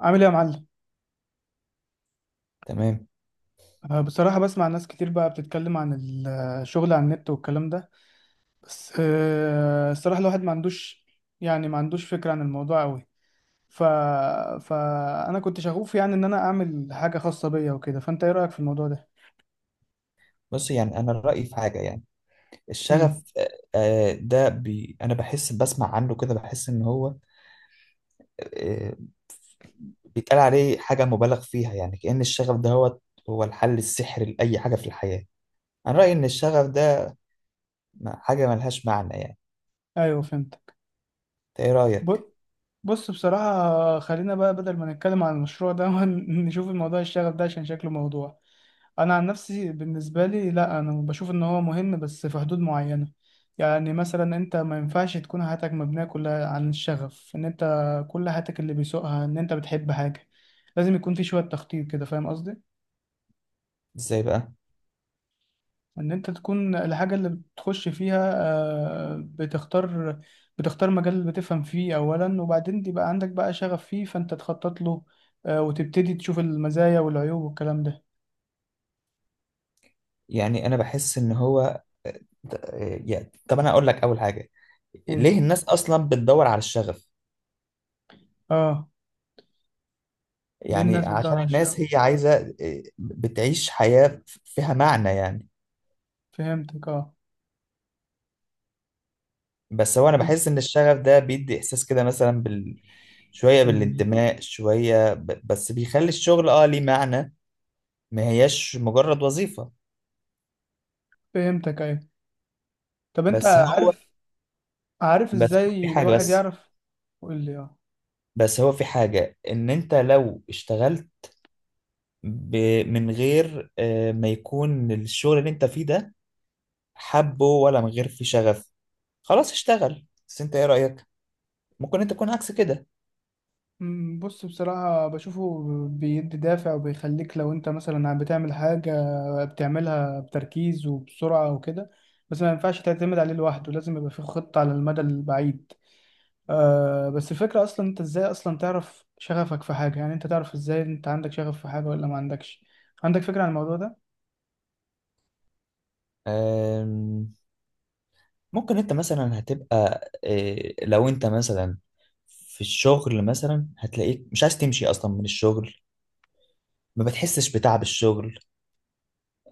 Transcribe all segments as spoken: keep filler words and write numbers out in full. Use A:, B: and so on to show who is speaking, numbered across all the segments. A: عامل ايه يا معلم؟
B: تمام.
A: أه بصراحة بسمع ناس كتير بقى بتتكلم عن ال- الشغل على النت والكلام ده. بس أه الصراحة الواحد ما عندوش يعني ما عندوش فكرة عن الموضوع قوي. ف... فأنا كنت شغوف يعني إن أنا أعمل حاجة خاصة بيا وكده، فأنت إيه رأيك في الموضوع ده؟
B: بص، يعني انا رايي في حاجه، يعني الشغف،
A: امم.
B: آه، آه، ده بي انا بحس، بسمع عنه كده، بحس ان هو آه، بيتقال عليه حاجه مبالغ فيها، يعني كأن الشغف ده هو هو الحل السحري لاي حاجه في الحياه. انا رايي ان الشغف ده م- حاجه ملهاش معنى يعني.
A: أيوه، فهمت.
B: إنت ايه
A: ب-
B: رايك؟
A: بص بصراحة، خلينا بقى بدل ما نتكلم عن المشروع ده نشوف الموضوع الشغف ده عشان شكله موضوع. أنا عن نفسي بالنسبة لي، لا أنا بشوف إن هو مهم بس في حدود معينة. يعني مثلا أنت ما ينفعش تكون حياتك مبنية كلها عن الشغف، إن أنت كل حياتك اللي بيسوقها إن أنت بتحب حاجة، لازم يكون في شوية تخطيط كده. فاهم قصدي؟
B: ازاي بقى؟
A: ان انت تكون الحاجة اللي بتخش فيها. آه، بتختار بتختار مجال اللي بتفهم فيه اولا، وبعدين يبقى عندك بقى شغف فيه، فانت تخطط له. آه، وتبتدي تشوف المزايا والعيوب والكلام ده.
B: يعني انا بحس ان هو ت- آه، يعني، طب انا اقول لك اول حاجه.
A: قول.
B: ليه الناس اصلا بتدور على الشغف؟
A: اه، ليه
B: يعني
A: الناس بتدور
B: عشان
A: على الشغف؟
B: الناس هي عايزه آه، بتعيش حياه فيها معنى يعني.
A: فهمتك، اه.
B: بس هو انا
A: إز-
B: بحس ان الشغف ده بيدي احساس كده، مثلا بال... شويه
A: مم.
B: بالانتماء، شويه ب... بس بيخلي الشغل اه ليه معنى، ما هياش مجرد وظيفه.
A: فهمتك، ايوه. طب انت
B: بس هو
A: عارف عارف
B: بس هو في
A: ازاي
B: حاجه
A: الواحد
B: بس
A: يعرف؟ قول لي، اه.
B: بس هو في حاجه ان انت لو اشتغلت ب... من غير آه، ما يكون الشغل اللي انت فيه ده حبه، ولا من غير فيه شغف، خلاص اشتغل. بس انت ايه رايك؟ ممكن انت تكون عكس كده.
A: مم، بص بصراحة بشوفه بيدي دافع وبيخليك، لو انت مثلا بتعمل حاجة بتعملها بتركيز وبسرعة وكده. بس ما ينفعش تعتمد عليه لوحده، لازم يبقى فيه خطة على المدى البعيد. آه بس الفكرة اصلا، انت ازاي اصلا تعرف شغفك في حاجة؟ يعني انت تعرف ازاي انت عندك شغف في حاجة ولا ما عندكش؟ عندك فكرة عن الموضوع ده؟
B: آم، ممكن انت مثلا هتبقى إيه، لو انت مثلا في الشغل مثلا هتلاقيك مش عايز تمشي اصلا من الشغل، ما بتحسش بتعب الشغل،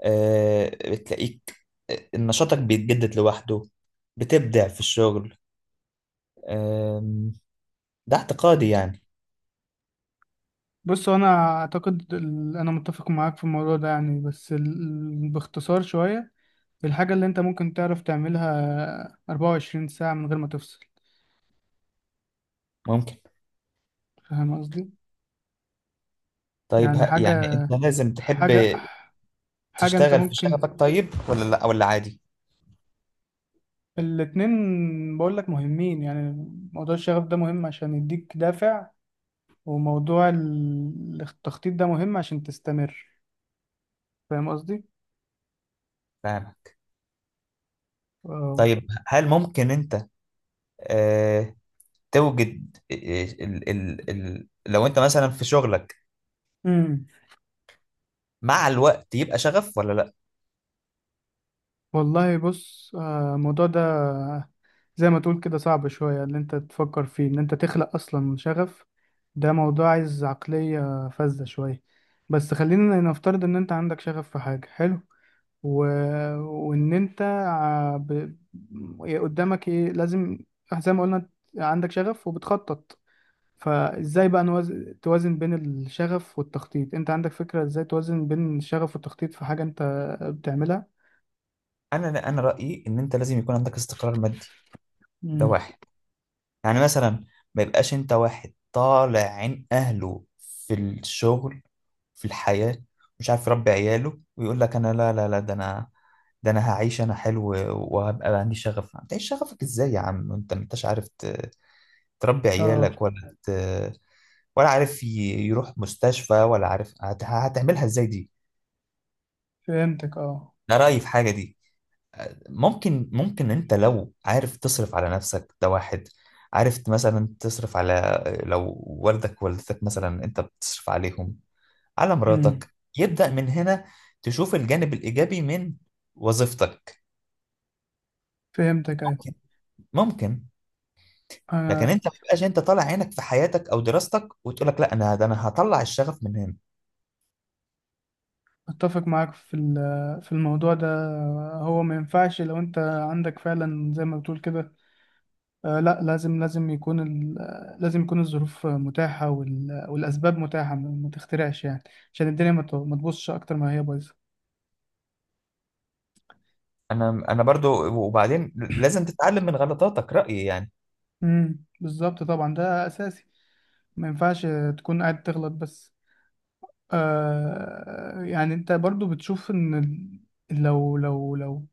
B: آه، بتلاقيك آه، نشاطك بيتجدد لوحده، بتبدع في الشغل. آم، ده اعتقادي يعني.
A: بص هو انا اعتقد ال- انا متفق معاك في الموضوع ده يعني. بس ال... باختصار شوية، الحاجة اللي انت ممكن تعرف تعملها 24 ساعة من غير ما تفصل.
B: ممكن،
A: فاهم قصدي؟
B: طيب،
A: يعني
B: ه- يعني انت
A: حاجة
B: لازم تحب
A: حاجة حاجة انت
B: تشتغل في
A: ممكن.
B: شغفك؟ طيب ولا لا؟ ولا عادي؟
A: الاتنين بقول لك مهمين يعني. موضوع الشغف ده مهم عشان يديك دافع، وموضوع ال- التخطيط ده مهم عشان تستمر. فاهم قصدي؟
B: فاهمك.
A: اه.
B: طيب، هل ممكن انت آه، توجد آه، ال ال ال لو انت مثلا في شغلك
A: امم.
B: مع الوقت يبقى شغف ولا لا؟
A: والله بص، آه، الموضوع ده زي ما تقول كده صعب شوية، اللي انت تفكر فيه ان انت تخلق اصلا شغف. ده موضوع عايز عقلية فذة شوية. بس خلينا نفترض ان انت عندك شغف في حاجة، حلو. و... وان انت ع- ب... إيه قدامك ايه لازم؟ زي ما قلنا، عندك شغف وبتخطط، فازاي بقى نوز... توازن بين الشغف والتخطيط؟ انت عندك فكرة ازاي توازن بين الشغف والتخطيط في حاجة انت بتعملها؟
B: انا انا رايي ان انت لازم يكون عندك استقرار مادي. ده
A: امم،
B: واحد. يعني مثلا ما يبقاش انت واحد طالع عين اهله في الشغل، في الحياه، مش عارف يربي عياله، ويقول لك انا لا لا لا، ده انا، ده انا هعيش انا حلو، وهبقى عندي شغف. هتعيش شغفك ازاي يا عم انت، ما انتش عارف ت- تربي
A: اه.
B: عيالك، ولا ت... ولا عارف ي- يروح مستشفى، ولا عارف هت... هتعملها ازاي دي.
A: فهمتك، اه.
B: ده رايي في حاجه دي. ممكن ممكن انت لو عارف تصرف على نفسك، ده واحد. عارف مثلا تصرف على، لو والدك ووالدتك مثلا انت بتصرف عليهم، على
A: امم.
B: مراتك، يبدأ من هنا تشوف الجانب الإيجابي من وظيفتك.
A: فهمتك، ايوه.
B: ممكن ممكن. لكن
A: انا
B: انت ما تبقاش انت طالع عينك في حياتك او دراستك، وتقول لك لا انا، ده انا هطلع الشغف من هنا.
A: اتفق معاك في ال- في الموضوع ده. هو ما ينفعش لو انت عندك فعلا زي ما بتقول كده. آه، لا لازم لازم يكون ال... آه، لازم يكون الظروف متاحة وال... والأسباب متاحة، ما ما تخترعش يعني. عشان الدنيا ما ت- ما تبوظش أكتر ما هي بايظة.
B: انا انا برضو، وبعدين لازم تتعلم من غلطاتك، رأيي يعني.
A: امم بالظبط، طبعا، ده أساسي. ما ينفعش تكون قاعد تغلط بس. آه يعني أنت برضو بتشوف إن ال- لو لو لو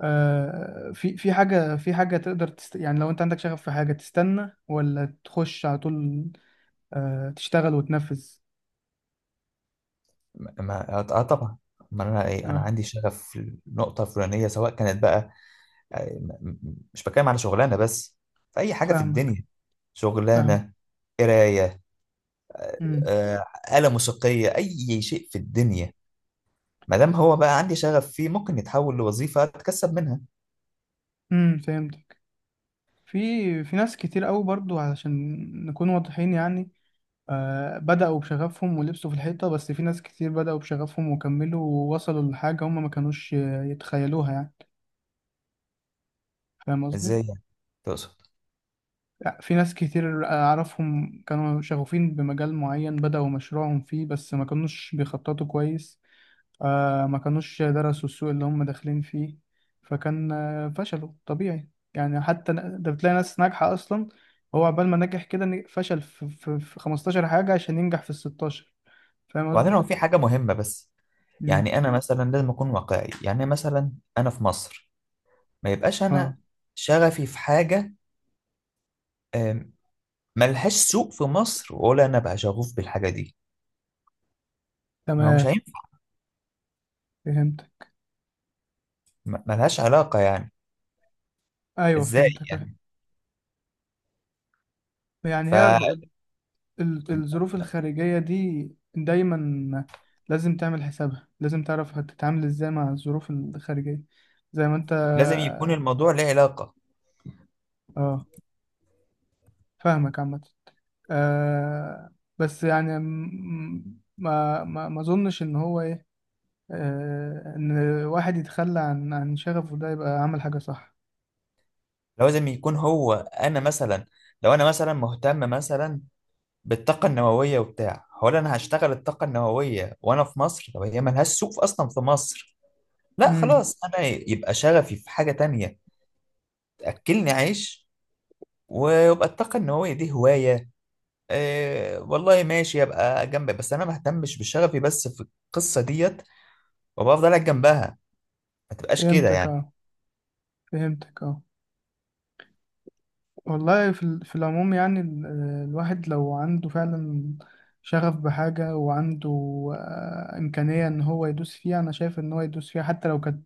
A: آه في في حاجة في حاجة تقدر تست... يعني لو أنت عندك شغف في حاجة، تستنى ولا تخش على طول؟ آه تشتغل وتنفذ.
B: ما اه آه، طبعا، ما انا ايه انا
A: اه،
B: عندي شغف في النقطه الفلانيه، سواء كانت بقى، آه، م- م- مش بتكلم على شغلانه بس، في اي حاجه في
A: فاهمك
B: الدنيا،
A: فاهمك
B: شغلانه، قرايه، آه،
A: امم
B: آه، آلة موسيقيه، اي شيء في الدنيا، ما دام هو بقى عندي شغف فيه ممكن يتحول لوظيفه اتكسب منها.
A: امم فهمت. في في ناس كتير قوي برضو، علشان نكون واضحين يعني، آه بدأوا بشغفهم ولبسوا في الحيطة، بس في ناس كتير بدأوا بشغفهم وكملوا ووصلوا لحاجة هم ما كانوش آه، يتخيلوها يعني. فاهم قصدي؟
B: ازاي يعني؟ تقصد؟
A: لا، في ناس كتير أعرفهم كانوا شغوفين بمجال معين، بدأوا مشروعهم فيه بس ما كانوش بيخططوا كويس. آه ما كانوش درسوا السوق اللي هم داخلين فيه، فكان آه فشلوا طبيعي. يعني حتى ن- ده بتلاقي ناس ناجحة أصلا، هو عقبال ما نجح كده ن- فشل في, في, في 15 حاجة عشان ينجح في ال الستاشر. فاهم
B: وبعدين
A: قصدي؟
B: هو في حاجه مهمه، بس
A: مم.
B: يعني انا مثلا لازم اكون واقعي. يعني مثلا انا في مصر، ما يبقاش انا
A: اه،
B: شغفي في حاجه ملهاش سوق في مصر، ولا انا بقى شغوف بالحاجه دي. ما هو مش
A: تمام.
B: هينفع،
A: فهمتك،
B: م- ملهاش علاقه يعني.
A: أيوه.
B: ازاي
A: فهمتك، أيوة.
B: يعني؟
A: يعني هي ب-
B: فلازم
A: ال- الظروف الخارجية دي، دايما لازم تعمل حسابها، لازم تعرف هتتعامل ازاي مع الظروف الخارجية زي ما انت.
B: يكون الموضوع له علاقه.
A: اه، فاهمك عامة. آه بس يعني م- ما ما ما اظنش ان هو ايه، آه ان واحد يتخلى عن عن شغفه، ده يبقى عمل حاجة صح.
B: لازم يكون هو، انا مثلا لو انا مثلا مهتم مثلا بالطاقه النوويه وبتاع، هو انا هشتغل الطاقه النوويه وانا في مصر، طب هي ملهاش سوق في- اصلا في مصر. لا
A: امم.
B: خلاص، انا يبقى شغفي في حاجه تانية تاكلني عيش، ويبقى الطاقه النوويه دي هوايه. إيه والله، ماشي، ابقى جنبك، بس انا ما اهتمش بشغفي بس في القصه ديت، وابقى افضل قاعد جنبها. ما تبقاش كده
A: فهمتك،
B: يعني.
A: اه. فهمتك، اه. والله في ال- في العموم، يعني ال- الواحد لو عنده فعلا شغف بحاجة، وعنده آه، إمكانية إن هو يدوس فيها، أنا شايف إن هو يدوس فيها حتى لو كانت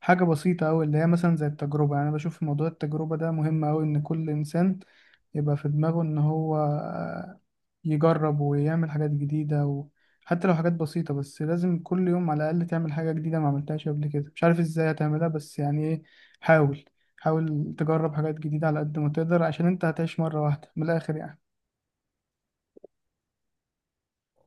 A: حاجة بسيطة أوي، اللي هي مثلا زي التجربة. يعني أنا بشوف في موضوع التجربة ده مهم أوي، إن كل إنسان يبقى في دماغه إن هو آه، يجرب ويعمل حاجات جديدة. وحتى لو حاجات بسيطة، بس لازم كل يوم على الأقل تعمل حاجة جديدة ما عملتهاش قبل كده. مش عارف إزاي هتعملها، بس يعني إيه، حاول حاول تجرب حاجات جديدة على قد ما تقدر، عشان انت هتعيش مرة واحدة من الآخر يعني.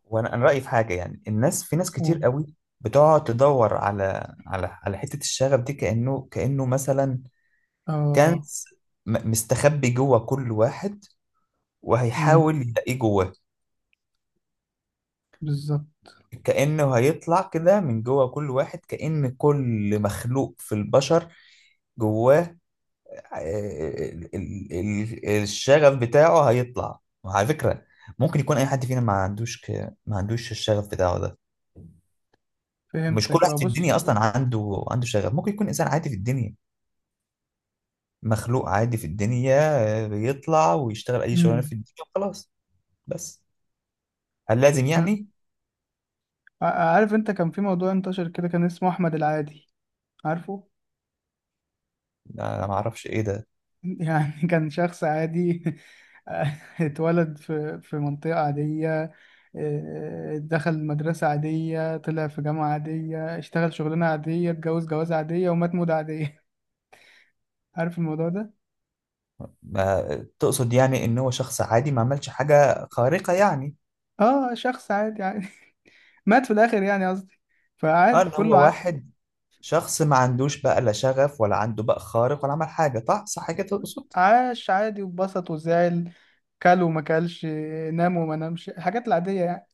B: وانا انا رايي في حاجه يعني، الناس، في ناس
A: و...
B: كتير قوي بتقعد تدور على على على حته الشغف دي، كانه كانه مثلا
A: اه،
B: كنز م- مستخبي جوه كل واحد،
A: امم،
B: وهيحاول يلاقيه جواه،
A: بالظبط.
B: كانه هيطلع كده من جوه كل واحد، كأن كل مخلوق في البشر جواه آه، آه، آه، ال- ال- ال- الشغف بتاعه هيطلع. وعلى فكرة، ممكن يكون اي حد فينا ما عندوش ك... ما عندوش الشغف بتاعه ده. مش كل
A: فهمتك، اه.
B: واحد في
A: بص،
B: الدنيا اصلا عنده عنده شغف، ممكن يكون انسان عادي في الدنيا، مخلوق عادي في الدنيا، آه، بيطلع ويشتغل اي شغلانة في
A: امم.
B: الدنيا وخلاص. بس هل لازم يعني.
A: ع- عارف انت كان في موضوع انتشر كده كان اسمه أحمد العادي؟ عارفه؟
B: انا ما اعرفش ايه ده.
A: يعني كان شخص عادي. اتولد في في منطقة عادية، اه، آه، دخل مدرسة عادية، طلع في جامعة عادية، اشتغل شغلانة عادية، اتجوز جوازة عادية، ومات موتة عادية. عارف الموضوع ده؟
B: ما... تقصد يعني ان هو شخص عادي ما عملش حاجة خارقة يعني؟
A: اه، شخص عادي، مات في الاخر يعني قصدي.
B: اه،
A: فعادي
B: اللي
A: كله
B: هو
A: ع...
B: واحد، شخص ما عندوش بقى لا شغف، ولا عنده بقى خارق، ولا عمل حاجة طه، صح كده تقصد.
A: عاش عادي، واتبسط وزعل، كل وما كلش، نام وما نامش، الحاجات العادية يعني.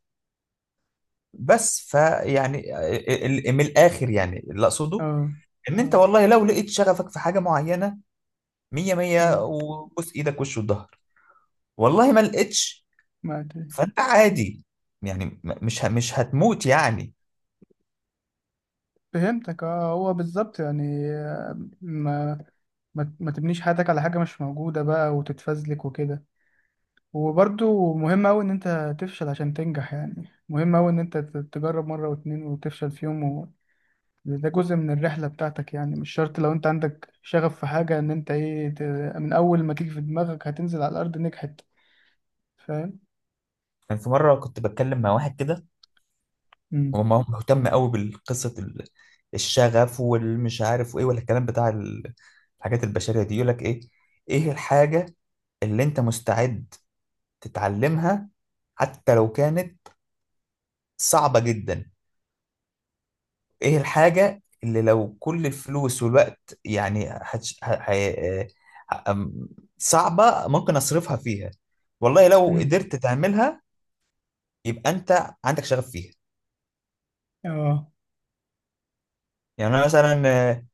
B: بس فيعني ال- ال- من الآخر يعني اللي أقصده،
A: اه،
B: إن
A: اه،
B: أنت والله لو لقيت شغفك في حاجة معينة، مية مية
A: أمم،
B: وبوس إيدك وش وظهر. والله ما لقيتش،
A: ما أدري.
B: فأنت عادي يعني، م- مش ه- مش هتموت يعني.
A: فهمتك، اه. هو بالظبط يعني، ما ما ما تبنيش حياتك على حاجة مش موجودة بقى وتتفزلك وكده. وبرضو مهم أوي إن أنت تفشل عشان تنجح، يعني مهم أوي إن أنت ت- تجرب مرة واتنين وتفشل فيهم. ده جزء من الرحلة بتاعتك، يعني مش شرط لو انت عندك شغف في حاجة ان انت ايه ت- من اول ما تيجي في دماغك هتنزل على الارض نجحت. فاهم؟
B: كان في مرة كنت بتكلم مع واحد كده،
A: امم،
B: وما هو مهتم قوي بالقصة ال- الشغف والمش عارف وايه، ولا الكلام بتاع ال- الحاجات البشرية دي. يقولك ايه؟ ايه الحاجة اللي انت مستعد تتعلمها حتى لو كانت صعبة جدا؟ ايه الحاجة اللي لو كل الفلوس والوقت يعني هتش... ه... ه... ه... أم- صعبة ممكن اصرفها فيها؟ والله لو
A: امم،
B: قدرت تعملها يبقى انت عندك شغف فيها.
A: اه،
B: يعني انا مثلا آه،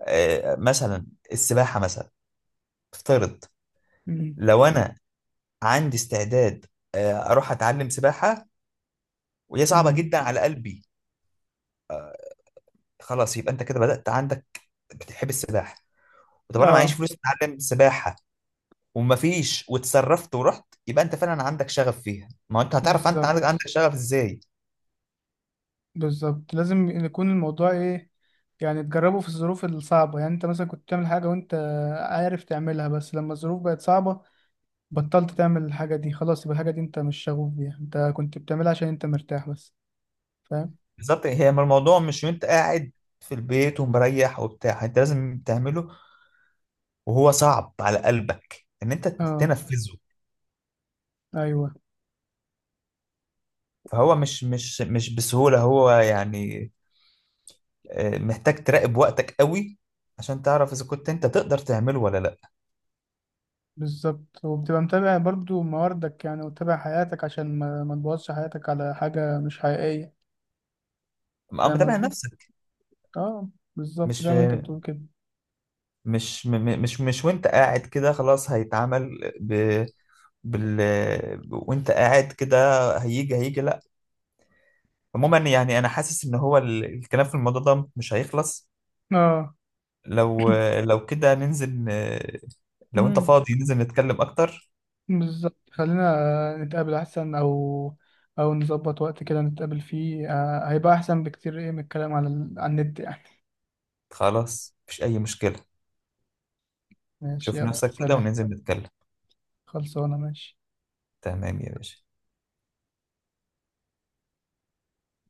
B: آه، مثلا السباحة مثلا، افترض،
A: امم،
B: لو انا عندي استعداد آه، اروح اتعلم سباحه وهي صعبه
A: امم،
B: جدا على قلبي، خلاص يبقى انت كده بدات عندك بتحب السباحه. طب انا معيش
A: اه،
B: فلوس اتعلم سباحه ومفيش، وتصرفت ورحت، يبقى انت فعلا عندك شغف فيها. ما هو انت هتعرف انت عندك
A: بالظبط.
B: عندك شغف ازاي.
A: بالظبط لازم يكون الموضوع ايه؟ يعني تجربه في الظروف الصعبة. يعني انت مثلا كنت بتعمل حاجة وانت عارف تعملها، بس لما الظروف بقت صعبة، بطلت تعمل الحاجة دي. خلاص يبقى الحاجة دي انت مش شغوف بيها، انت كنت بتعملها عشان انت مرتاح بس. فاهم؟
B: بالظبط. هي ما الموضوع مش وانت قاعد في البيت ومريح وبتاع، انت لازم تعمله وهو صعب على قلبك ان انت
A: اه،
B: تنفذه.
A: ايوه،
B: فهو مش مش مش بسهوله هو، يعني آه، محتاج تراقب وقتك قوي عشان تعرف اذا كنت انت تقدر تعمله ولا لا.
A: بالظبط. وبتبقى متابع برضو مواردك يعني، وتابع حياتك عشان ما, ما تبوظش حياتك على حاجة مش حقيقية.
B: ابقى
A: فاهم
B: متابع
A: قصدي؟
B: نفسك.
A: اه، بالظبط
B: مش
A: زي ما انت بتقول كده.
B: مش م- م- مش مش وانت قاعد كده خلاص هيتعمل ب بال وانت قاعد كده هيجي هيجي لا. عموما يعني انا حاسس ان هو ال- الكلام في الموضوع ده مش هيخلص.
A: اه،
B: لو لو كده ننزل، آه، لو انت
A: امم،
B: فاضي ننزل نتكلم اكتر.
A: بالظبط. خلينا نتقابل احسن، او او نظبط وقت كده نتقابل فيه، آه هيبقى احسن بكتير، ايه، من الكلام على ال... على النت يعني.
B: خلاص مفيش اي مشكلة.
A: ماشي،
B: شوف
A: يلا
B: نفسك كده
A: سلام.
B: وننزل نتكلم.
A: خلصانة، ماشي.
B: تمام يا باشا.